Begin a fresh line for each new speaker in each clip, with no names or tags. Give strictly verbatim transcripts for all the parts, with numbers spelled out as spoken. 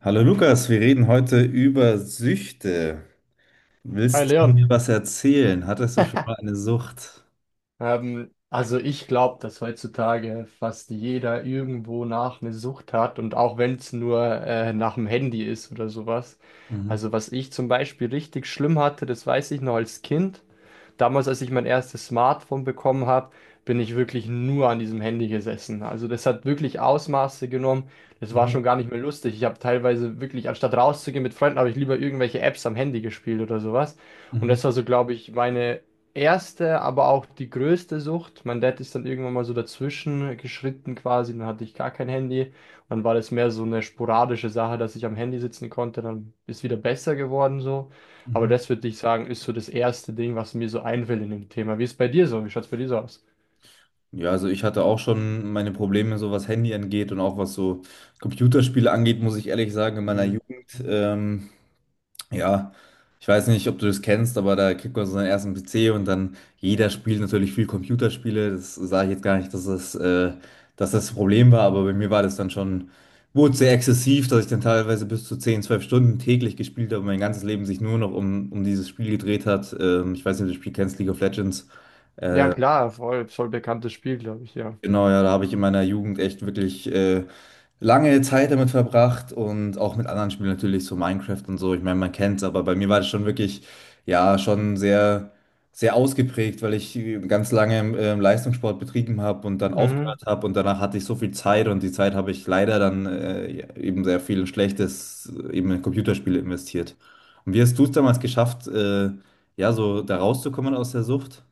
Hallo Lukas, wir reden heute über Süchte.
Hi
Willst du
Leon,
mir was erzählen? Hattest du schon mal eine Sucht?
ähm, also ich glaube, dass heutzutage fast jeder irgendwo nach eine Sucht hat und auch wenn es nur äh, nach dem Handy ist oder sowas.
Mhm,
Also was ich zum Beispiel richtig schlimm hatte, das weiß ich noch als Kind. Damals, als ich mein erstes Smartphone bekommen habe, bin ich wirklich nur an diesem Handy gesessen. Also das hat wirklich Ausmaße genommen. Das war
mhm,
schon gar nicht mehr lustig. Ich habe teilweise wirklich, anstatt rauszugehen mit Freunden, habe ich lieber irgendwelche Apps am Handy gespielt oder sowas. Und
mhm,
das war so, glaube ich, meine erste, aber auch die größte Sucht. Mein Dad ist dann irgendwann mal so dazwischen geschritten quasi, dann hatte ich gar kein Handy. Und dann war das mehr so eine sporadische Sache, dass ich am Handy sitzen konnte, dann ist wieder besser geworden so. Aber
mhm.
das würde ich sagen, ist so das erste Ding, was mir so einfällt in dem Thema. Wie ist bei dir so? Wie schaut es bei dir so aus?
Ja, also ich hatte auch schon meine Probleme, so was Handy angeht und auch was so Computerspiele angeht, muss ich ehrlich sagen, in meiner
Hm.
Jugend. Ähm, Ja, ich weiß nicht, ob du das kennst, aber da kriegt man so seinen ersten P C und dann jeder spielt natürlich viel Computerspiele. Das sage ich jetzt gar nicht, dass das, äh, dass das Problem war, aber bei mir war das dann schon, wurde sehr exzessiv, dass ich dann teilweise bis zu zehn, zwölf Stunden täglich gespielt habe und mein ganzes Leben sich nur noch um, um dieses Spiel gedreht hat. Ähm, ich weiß nicht, ob du das Spiel kennst, League of Legends.
Ja,
Äh,
klar, voll, voll bekanntes Spiel, glaube ich, ja.
genau, ja, da habe ich in meiner Jugend echt wirklich äh, lange Zeit damit verbracht und auch mit anderen Spielen natürlich, so Minecraft und so. Ich meine, man kennt's, aber bei mir war das schon wirklich, ja, schon sehr, sehr ausgeprägt, weil ich ganz lange ähm, Leistungssport betrieben habe und dann
Mhm.
aufgehört habe und danach hatte ich so viel Zeit und die Zeit habe ich leider dann äh, ja, eben sehr viel in Schlechtes, äh, eben in Computerspiele investiert. Und wie hast du es damals geschafft, äh, ja, so da rauszukommen aus der Sucht?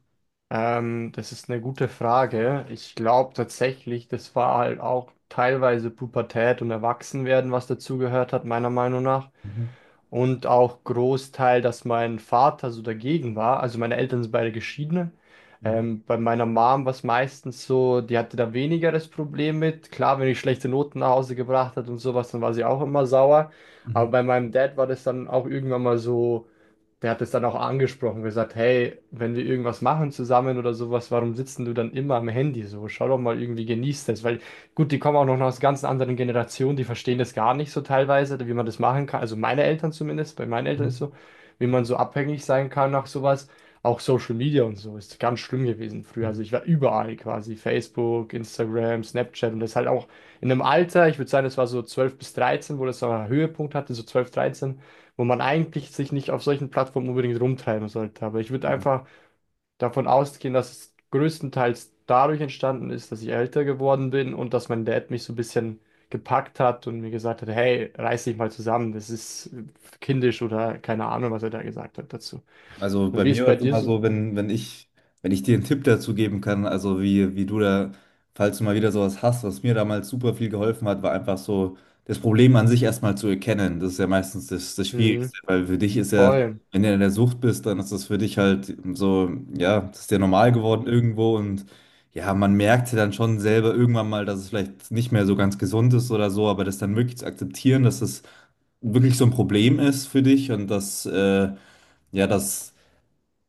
Ähm, das ist eine gute Frage. Ich glaube tatsächlich, das war halt auch teilweise Pubertät und Erwachsenwerden, was dazugehört hat, meiner Meinung nach.
Mhm,
Und auch Großteil, dass mein Vater so dagegen war. Also meine Eltern sind beide geschiedene.
mhm,
Ähm, bei meiner Mom war es meistens so, die hatte da weniger das Problem mit. Klar, wenn ich schlechte Noten nach Hause gebracht hat und sowas, dann war sie auch immer sauer.
mhm,
Aber bei meinem Dad war das dann auch irgendwann mal so, der hat es dann auch angesprochen, gesagt, hey, wenn wir irgendwas machen zusammen oder sowas, warum sitzen du dann immer am Handy so? Schau doch mal irgendwie, genieß das. Weil gut, die kommen auch noch aus ganz anderen Generationen, die verstehen das gar nicht so teilweise, wie man das machen kann. Also meine Eltern zumindest, bei meinen Eltern
mhm,
ist so, wie man so abhängig sein kann nach sowas. Auch Social Media und so ist ganz schlimm gewesen früher. Also ich war überall quasi, Facebook, Instagram, Snapchat und das halt auch in einem Alter, ich würde sagen, das war so zwölf bis dreizehn, wo das so einen Höhepunkt hatte, so zwölf dreizehn, wo man eigentlich sich nicht auf solchen Plattformen unbedingt rumtreiben sollte. Aber ich würde
mhm.
einfach davon ausgehen, dass es größtenteils dadurch entstanden ist, dass ich älter geworden bin und dass mein Dad mich so ein bisschen gepackt hat und mir gesagt hat, hey, reiß dich mal zusammen, das ist kindisch oder keine Ahnung, was er da gesagt hat dazu.
Also
Und
bei
wie ist
mir war
bei
es
dir
immer
so?
so, wenn, wenn ich, wenn ich dir einen Tipp dazu geben kann, also wie, wie du da, falls du mal wieder sowas hast, was mir damals super viel geholfen hat, war einfach so, das Problem an sich erstmal zu erkennen. Das ist ja meistens das, das
Mhm,
Schwierigste, weil für dich ist ja,
voll.
wenn du in der Sucht bist, dann ist das für dich halt so, ja, das ist ja normal geworden irgendwo und ja, man merkt ja dann schon selber irgendwann mal, dass es vielleicht nicht mehr so ganz gesund ist oder so, aber das dann wirklich zu akzeptieren, dass es wirklich so ein Problem ist für dich und dass, äh, ja, dass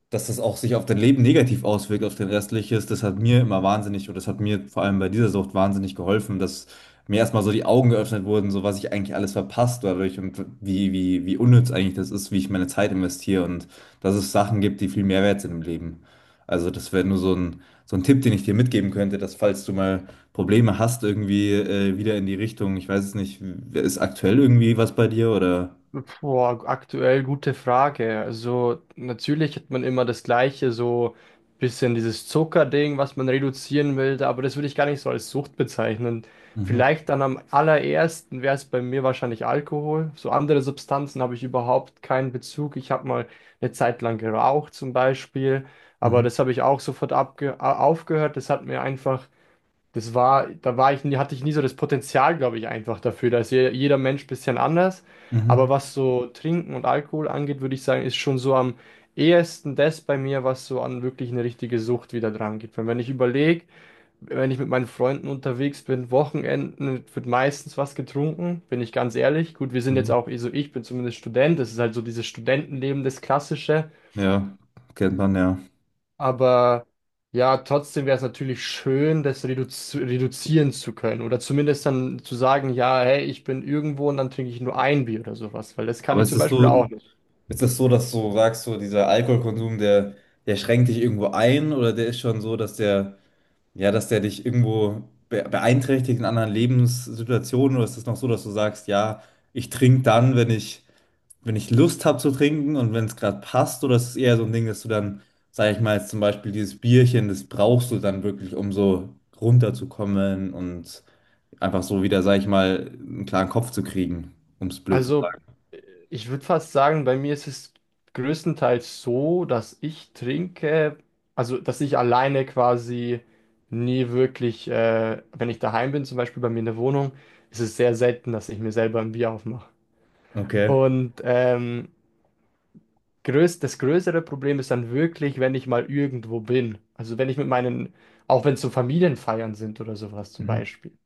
dass das auch sich auf dein Leben negativ auswirkt, auf dein restliches, das hat mir immer wahnsinnig, oder das hat mir vor allem bei dieser Sucht wahnsinnig geholfen, dass mir erstmal so die Augen geöffnet wurden, so was ich eigentlich alles verpasst dadurch und wie, wie, wie unnütz eigentlich das ist, wie ich meine Zeit investiere und dass es Sachen gibt, die viel mehr wert sind im Leben. Also das wäre nur so ein, so ein Tipp, den ich dir mitgeben könnte, dass falls du mal Probleme hast, irgendwie äh, wieder in die Richtung, ich weiß es nicht, ist aktuell irgendwie was bei dir oder?
Boah, aktuell gute Frage. Also natürlich hat man immer das Gleiche, so ein bisschen dieses Zuckerding, was man reduzieren will, aber das würde ich gar nicht so als Sucht bezeichnen.
Mhm,
Vielleicht dann am allerersten wäre es bei mir wahrscheinlich Alkohol. So andere Substanzen habe ich überhaupt keinen Bezug. Ich habe mal eine Zeit lang geraucht zum Beispiel, aber
mhm,
das habe ich auch sofort abge a- aufgehört. Das hat mir einfach, das war, da war ich, nie- hatte ich nie so das Potenzial, glaube ich, einfach dafür. Da ist je- jeder Mensch ein bisschen anders.
mhm,
Aber was so Trinken und Alkohol angeht, würde ich sagen, ist schon so am ehesten das bei mir, was so an wirklich eine richtige Sucht wieder dran geht. Weil wenn ich überlege, wenn ich mit meinen Freunden unterwegs bin, Wochenenden wird meistens was getrunken, bin ich ganz ehrlich. Gut, wir sind jetzt
mhm.
auch, also ich bin zumindest Student, das ist halt so dieses Studentenleben, das Klassische.
Ja, kennt man, ja.
Aber ja, trotzdem wäre es natürlich schön, das reduzi reduzieren zu können. Oder zumindest dann zu sagen, ja, hey, ich bin irgendwo und dann trinke ich nur ein Bier oder sowas. Weil das kann
Aber
ich
ist
zum
das
Beispiel
so,
auch nicht.
ist das so, dass du sagst, so dieser Alkoholkonsum, der, der schränkt dich irgendwo ein oder der ist schon so, dass der, ja, dass der dich irgendwo be beeinträchtigt in anderen Lebenssituationen oder ist das noch so, dass du sagst, ja, ich trinke dann, wenn ich, wenn ich Lust habe zu trinken und wenn es gerade passt oder ist es eher so ein Ding, dass du dann, sag ich mal, jetzt zum Beispiel dieses Bierchen, das brauchst du dann wirklich, um so runterzukommen und einfach so wieder, sag ich mal, einen klaren Kopf zu kriegen, um es blöd zu
Also,
sagen.
äh, ich würde fast sagen, bei mir ist es größtenteils so, dass ich trinke, also dass ich alleine quasi nie wirklich, äh, wenn ich daheim bin, zum Beispiel bei mir in der Wohnung, ist es sehr selten, dass ich mir selber ein Bier aufmache.
Okay.
Und ähm, Größ das größere Problem ist dann wirklich, wenn ich mal irgendwo bin. Also wenn ich mit meinen, auch wenn es so Familienfeiern sind oder sowas zum
Mhm.
Beispiel.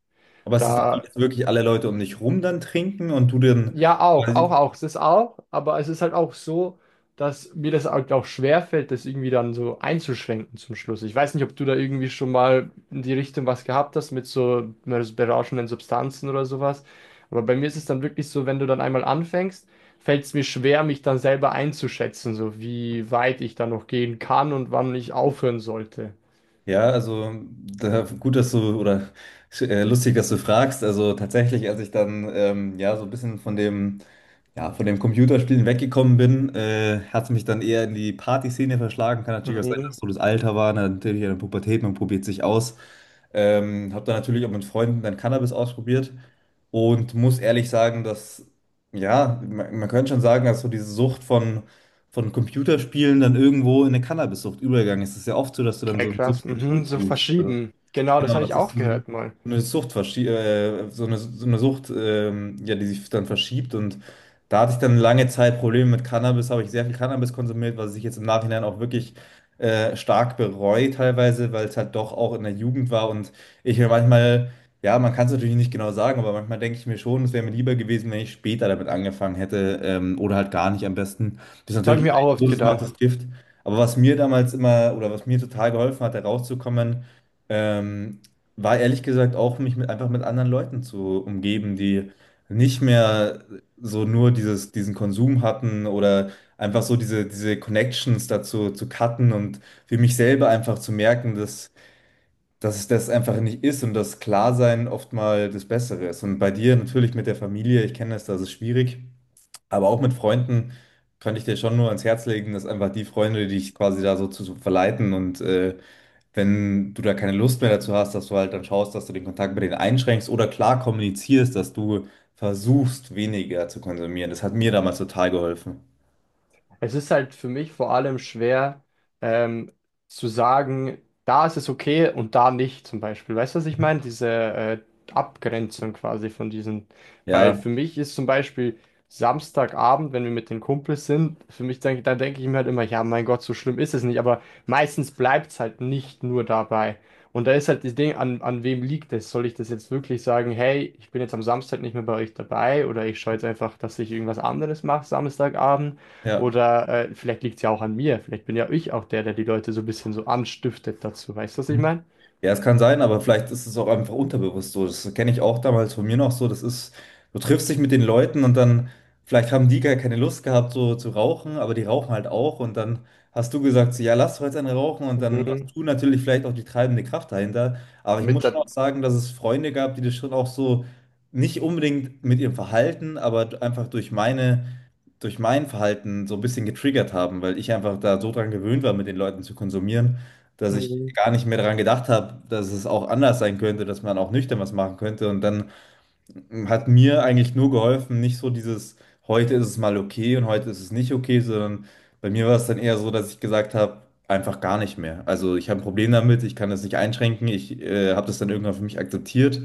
Aber es ist dann so,
Da
dass wirklich alle Leute um dich rum dann trinken und du dann
ja, auch, auch,
quasi,
auch. Es ist auch, aber es ist halt auch so, dass mir das halt auch schwerfällt, das irgendwie dann so einzuschränken zum Schluss. Ich weiß nicht, ob du da irgendwie schon mal in die Richtung was gehabt hast mit so berauschenden Substanzen oder sowas. Aber bei mir ist es dann wirklich so, wenn du dann einmal anfängst, fällt es mir schwer, mich dann selber einzuschätzen, so wie weit ich da noch gehen kann und wann ich aufhören sollte.
ja, also da, gut, dass du, oder äh, lustig, dass du fragst. Also tatsächlich, als ich dann ähm, ja so ein bisschen von dem, ja, von dem Computerspielen weggekommen bin, äh, hat es mich dann eher in die Partyszene verschlagen. Kann natürlich auch sein, dass
Mhm.
so das Alter war, ne, natürlich in der Pubertät, man probiert sich aus. Ähm, habe dann natürlich auch mit Freunden dann Cannabis ausprobiert und muss ehrlich sagen, dass, ja, man, man könnte schon sagen, dass so diese Sucht von von Computerspielen dann irgendwo in eine Cannabissucht übergegangen ist. Es ist ja oft so, dass du dann
Okay,
so ein
krass. Mhm,
Substitut
so
suchst. Also,
verschieben. Genau, das
genau,
habe
dass
ich
sich
auch
so eine,
gehört mal.
so eine Sucht verschiebt, äh, so eine, so eine Sucht, ähm, ja, die sich dann verschiebt. Und da hatte ich dann lange Zeit Probleme mit Cannabis, habe ich sehr viel Cannabis konsumiert, was ich jetzt im Nachhinein auch wirklich äh, stark bereue teilweise, weil es halt doch auch in der Jugend war. Und ich mir manchmal, ja, man kann es natürlich nicht genau sagen, aber manchmal denke ich mir schon, es wäre mir lieber gewesen, wenn ich später damit angefangen hätte, ähm, oder halt gar nicht am besten. Das ist
Das habe ich
natürlich,
mir auch oft
Dosis macht
gedacht.
das Gift. Aber was mir damals immer oder was mir total geholfen hat, da rauszukommen, ähm, war ehrlich gesagt auch, mich mit, einfach mit anderen Leuten zu umgeben, die nicht mehr so nur dieses, diesen Konsum hatten oder einfach so diese, diese Connections dazu zu cutten und für mich selber einfach zu merken, dass, dass es das einfach nicht ist und dass Klarsein oft mal das Bessere ist. Und bei dir natürlich mit der Familie, ich kenne das, das ist schwierig, aber auch mit Freunden kann ich dir schon nur ans Herz legen, dass einfach die Freunde, die dich quasi da so zu, zu verleiten und äh, wenn du da keine Lust mehr dazu hast, dass du halt dann schaust, dass du den Kontakt mit denen einschränkst oder klar kommunizierst, dass du versuchst, weniger zu konsumieren. Das hat mir damals total geholfen.
Es ist halt für mich vor allem schwer, ähm, zu sagen, da ist es okay und da nicht, zum Beispiel. Weißt du, was ich meine? Diese äh, Abgrenzung quasi von diesen. Weil
Ja,
für mich ist zum Beispiel Samstagabend, wenn wir mit den Kumpels sind, für mich denke, da denke ich mir halt immer, ja, mein Gott, so schlimm ist es nicht. Aber meistens bleibt es halt nicht nur dabei. Und da ist halt das Ding, an, an wem liegt es? Soll ich das jetzt wirklich sagen, hey, ich bin jetzt am Samstag nicht mehr bei euch dabei oder ich schaue jetzt einfach, dass ich irgendwas anderes mache Samstagabend?
ja.
Oder äh, vielleicht liegt es ja auch an mir. Vielleicht bin ja ich auch der, der die Leute so ein bisschen so anstiftet dazu. Weißt du, was ich meine?
Ja, es kann sein, aber vielleicht ist es auch einfach unterbewusst so. Das kenne ich auch damals von mir noch so. Das ist, du triffst dich mit den Leuten und dann, vielleicht haben die gar keine Lust gehabt, so zu rauchen, aber die rauchen halt auch. Und dann hast du gesagt, so, ja, lass doch jetzt einen rauchen. Und dann warst
Mhm.
du natürlich vielleicht auch die treibende Kraft dahinter. Aber ich
Mit
muss
der,
schon auch sagen, dass es Freunde gab, die das schon auch so nicht unbedingt mit ihrem Verhalten, aber einfach durch meine durch mein Verhalten so ein bisschen getriggert haben, weil ich einfach da so dran gewöhnt war, mit den Leuten zu konsumieren, dass ich
mhm.
gar nicht mehr daran gedacht habe, dass es auch anders sein könnte, dass man auch nüchtern was machen könnte. Und dann hat mir eigentlich nur geholfen, nicht so dieses, heute ist es mal okay und heute ist es nicht okay, sondern bei mir war es dann eher so, dass ich gesagt habe, einfach gar nicht mehr. Also ich habe ein Problem damit, ich kann das nicht einschränken, ich äh, habe das dann irgendwann für mich akzeptiert.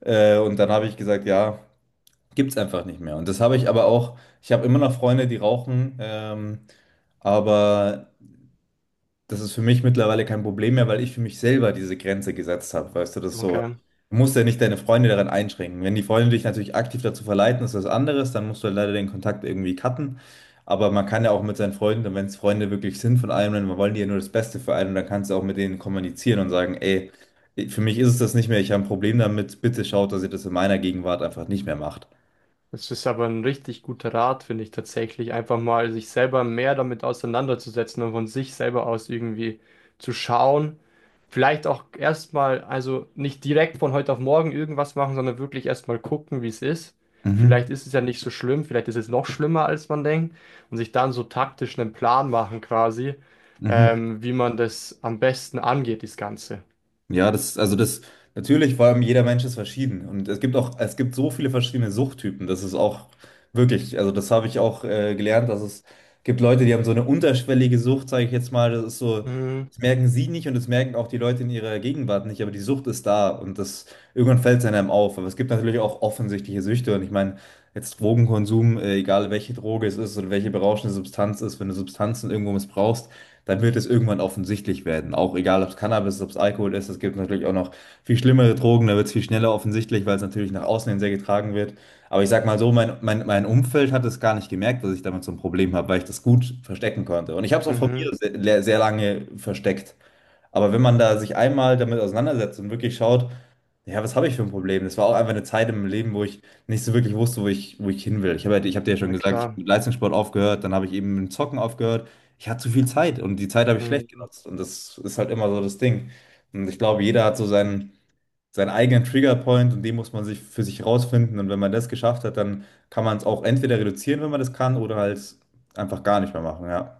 Äh, und dann habe ich gesagt, ja. Gibt's einfach nicht mehr. Und das habe ich aber auch, ich habe immer noch Freunde, die rauchen, ähm, aber das ist für mich mittlerweile kein Problem mehr, weil ich für mich selber diese Grenze gesetzt habe. Weißt du, das ist so,
Okay.
du musst ja nicht deine Freunde daran einschränken. Wenn die Freunde dich natürlich aktiv dazu verleiten, ist das anderes, dann musst du halt leider den Kontakt irgendwie cutten. Aber man kann ja auch mit seinen Freunden, und wenn es Freunde wirklich sind von einem, dann wollen die ja nur das Beste für einen und dann kannst du auch mit denen kommunizieren und sagen, ey, für mich ist es das nicht mehr, ich habe ein Problem damit, bitte schaut, dass ihr das in meiner Gegenwart einfach nicht mehr macht.
Das ist aber ein richtig guter Rat, finde ich tatsächlich, einfach mal sich selber mehr damit auseinanderzusetzen und von sich selber aus irgendwie zu schauen. Vielleicht auch erstmal, also nicht direkt von heute auf morgen irgendwas machen, sondern wirklich erstmal gucken, wie es ist. Vielleicht
Mhm.
ist es ja nicht so schlimm, vielleicht ist es noch schlimmer, als man denkt. Und sich dann so taktisch einen Plan machen quasi,
Mhm.
ähm, wie man das am besten angeht, das Ganze.
Ja, das, also das, natürlich, vor allem jeder Mensch ist verschieden. Und es gibt auch, es gibt so viele verschiedene Suchttypen. Das ist auch wirklich, also das habe ich auch äh, gelernt, dass es gibt Leute, die haben so eine unterschwellige Sucht, sage ich jetzt mal. Das ist so,
Mhm,
das merken sie nicht und das merken auch die Leute in ihrer Gegenwart nicht, aber die Sucht ist da und das, irgendwann fällt es einem auf. Aber es gibt natürlich auch offensichtliche Süchte. Und ich meine, jetzt Drogenkonsum, äh, egal welche Droge es ist oder welche berauschende Substanz ist, wenn du Substanzen irgendwo missbrauchst, dann wird es irgendwann offensichtlich werden. Auch egal, ob es Cannabis ist, ob es Alkohol ist, es gibt natürlich auch noch viel schlimmere Drogen, da wird es viel schneller offensichtlich, weil es natürlich nach außen hin sehr getragen wird. Aber ich sag mal so, mein, mein, mein Umfeld hat es gar nicht gemerkt, dass ich damit so ein Problem habe, weil ich das gut verstecken konnte. Und ich habe es auch von mir
mhm,
sehr, sehr lange versteckt. Aber wenn man da sich einmal damit auseinandersetzt und wirklich schaut, ja, was habe ich für ein Problem? Das war auch einfach eine Zeit im Leben, wo ich nicht so wirklich wusste, wo ich, wo ich hin will. Ich habe, halt- ich habe dir ja schon
na
gesagt, ich habe
klar.
mit Leistungssport aufgehört, dann habe ich eben mit dem Zocken aufgehört. Ich hatte zu viel Zeit und die Zeit habe ich schlecht
Mhm.
genutzt. Und das ist halt immer so das Ding. Und ich glaube, jeder hat so seinen, seinen eigenen Triggerpoint und den muss man sich für sich rausfinden. Und wenn man das geschafft hat, dann kann man es auch entweder reduzieren, wenn man das kann, oder halt einfach gar nicht mehr machen, ja.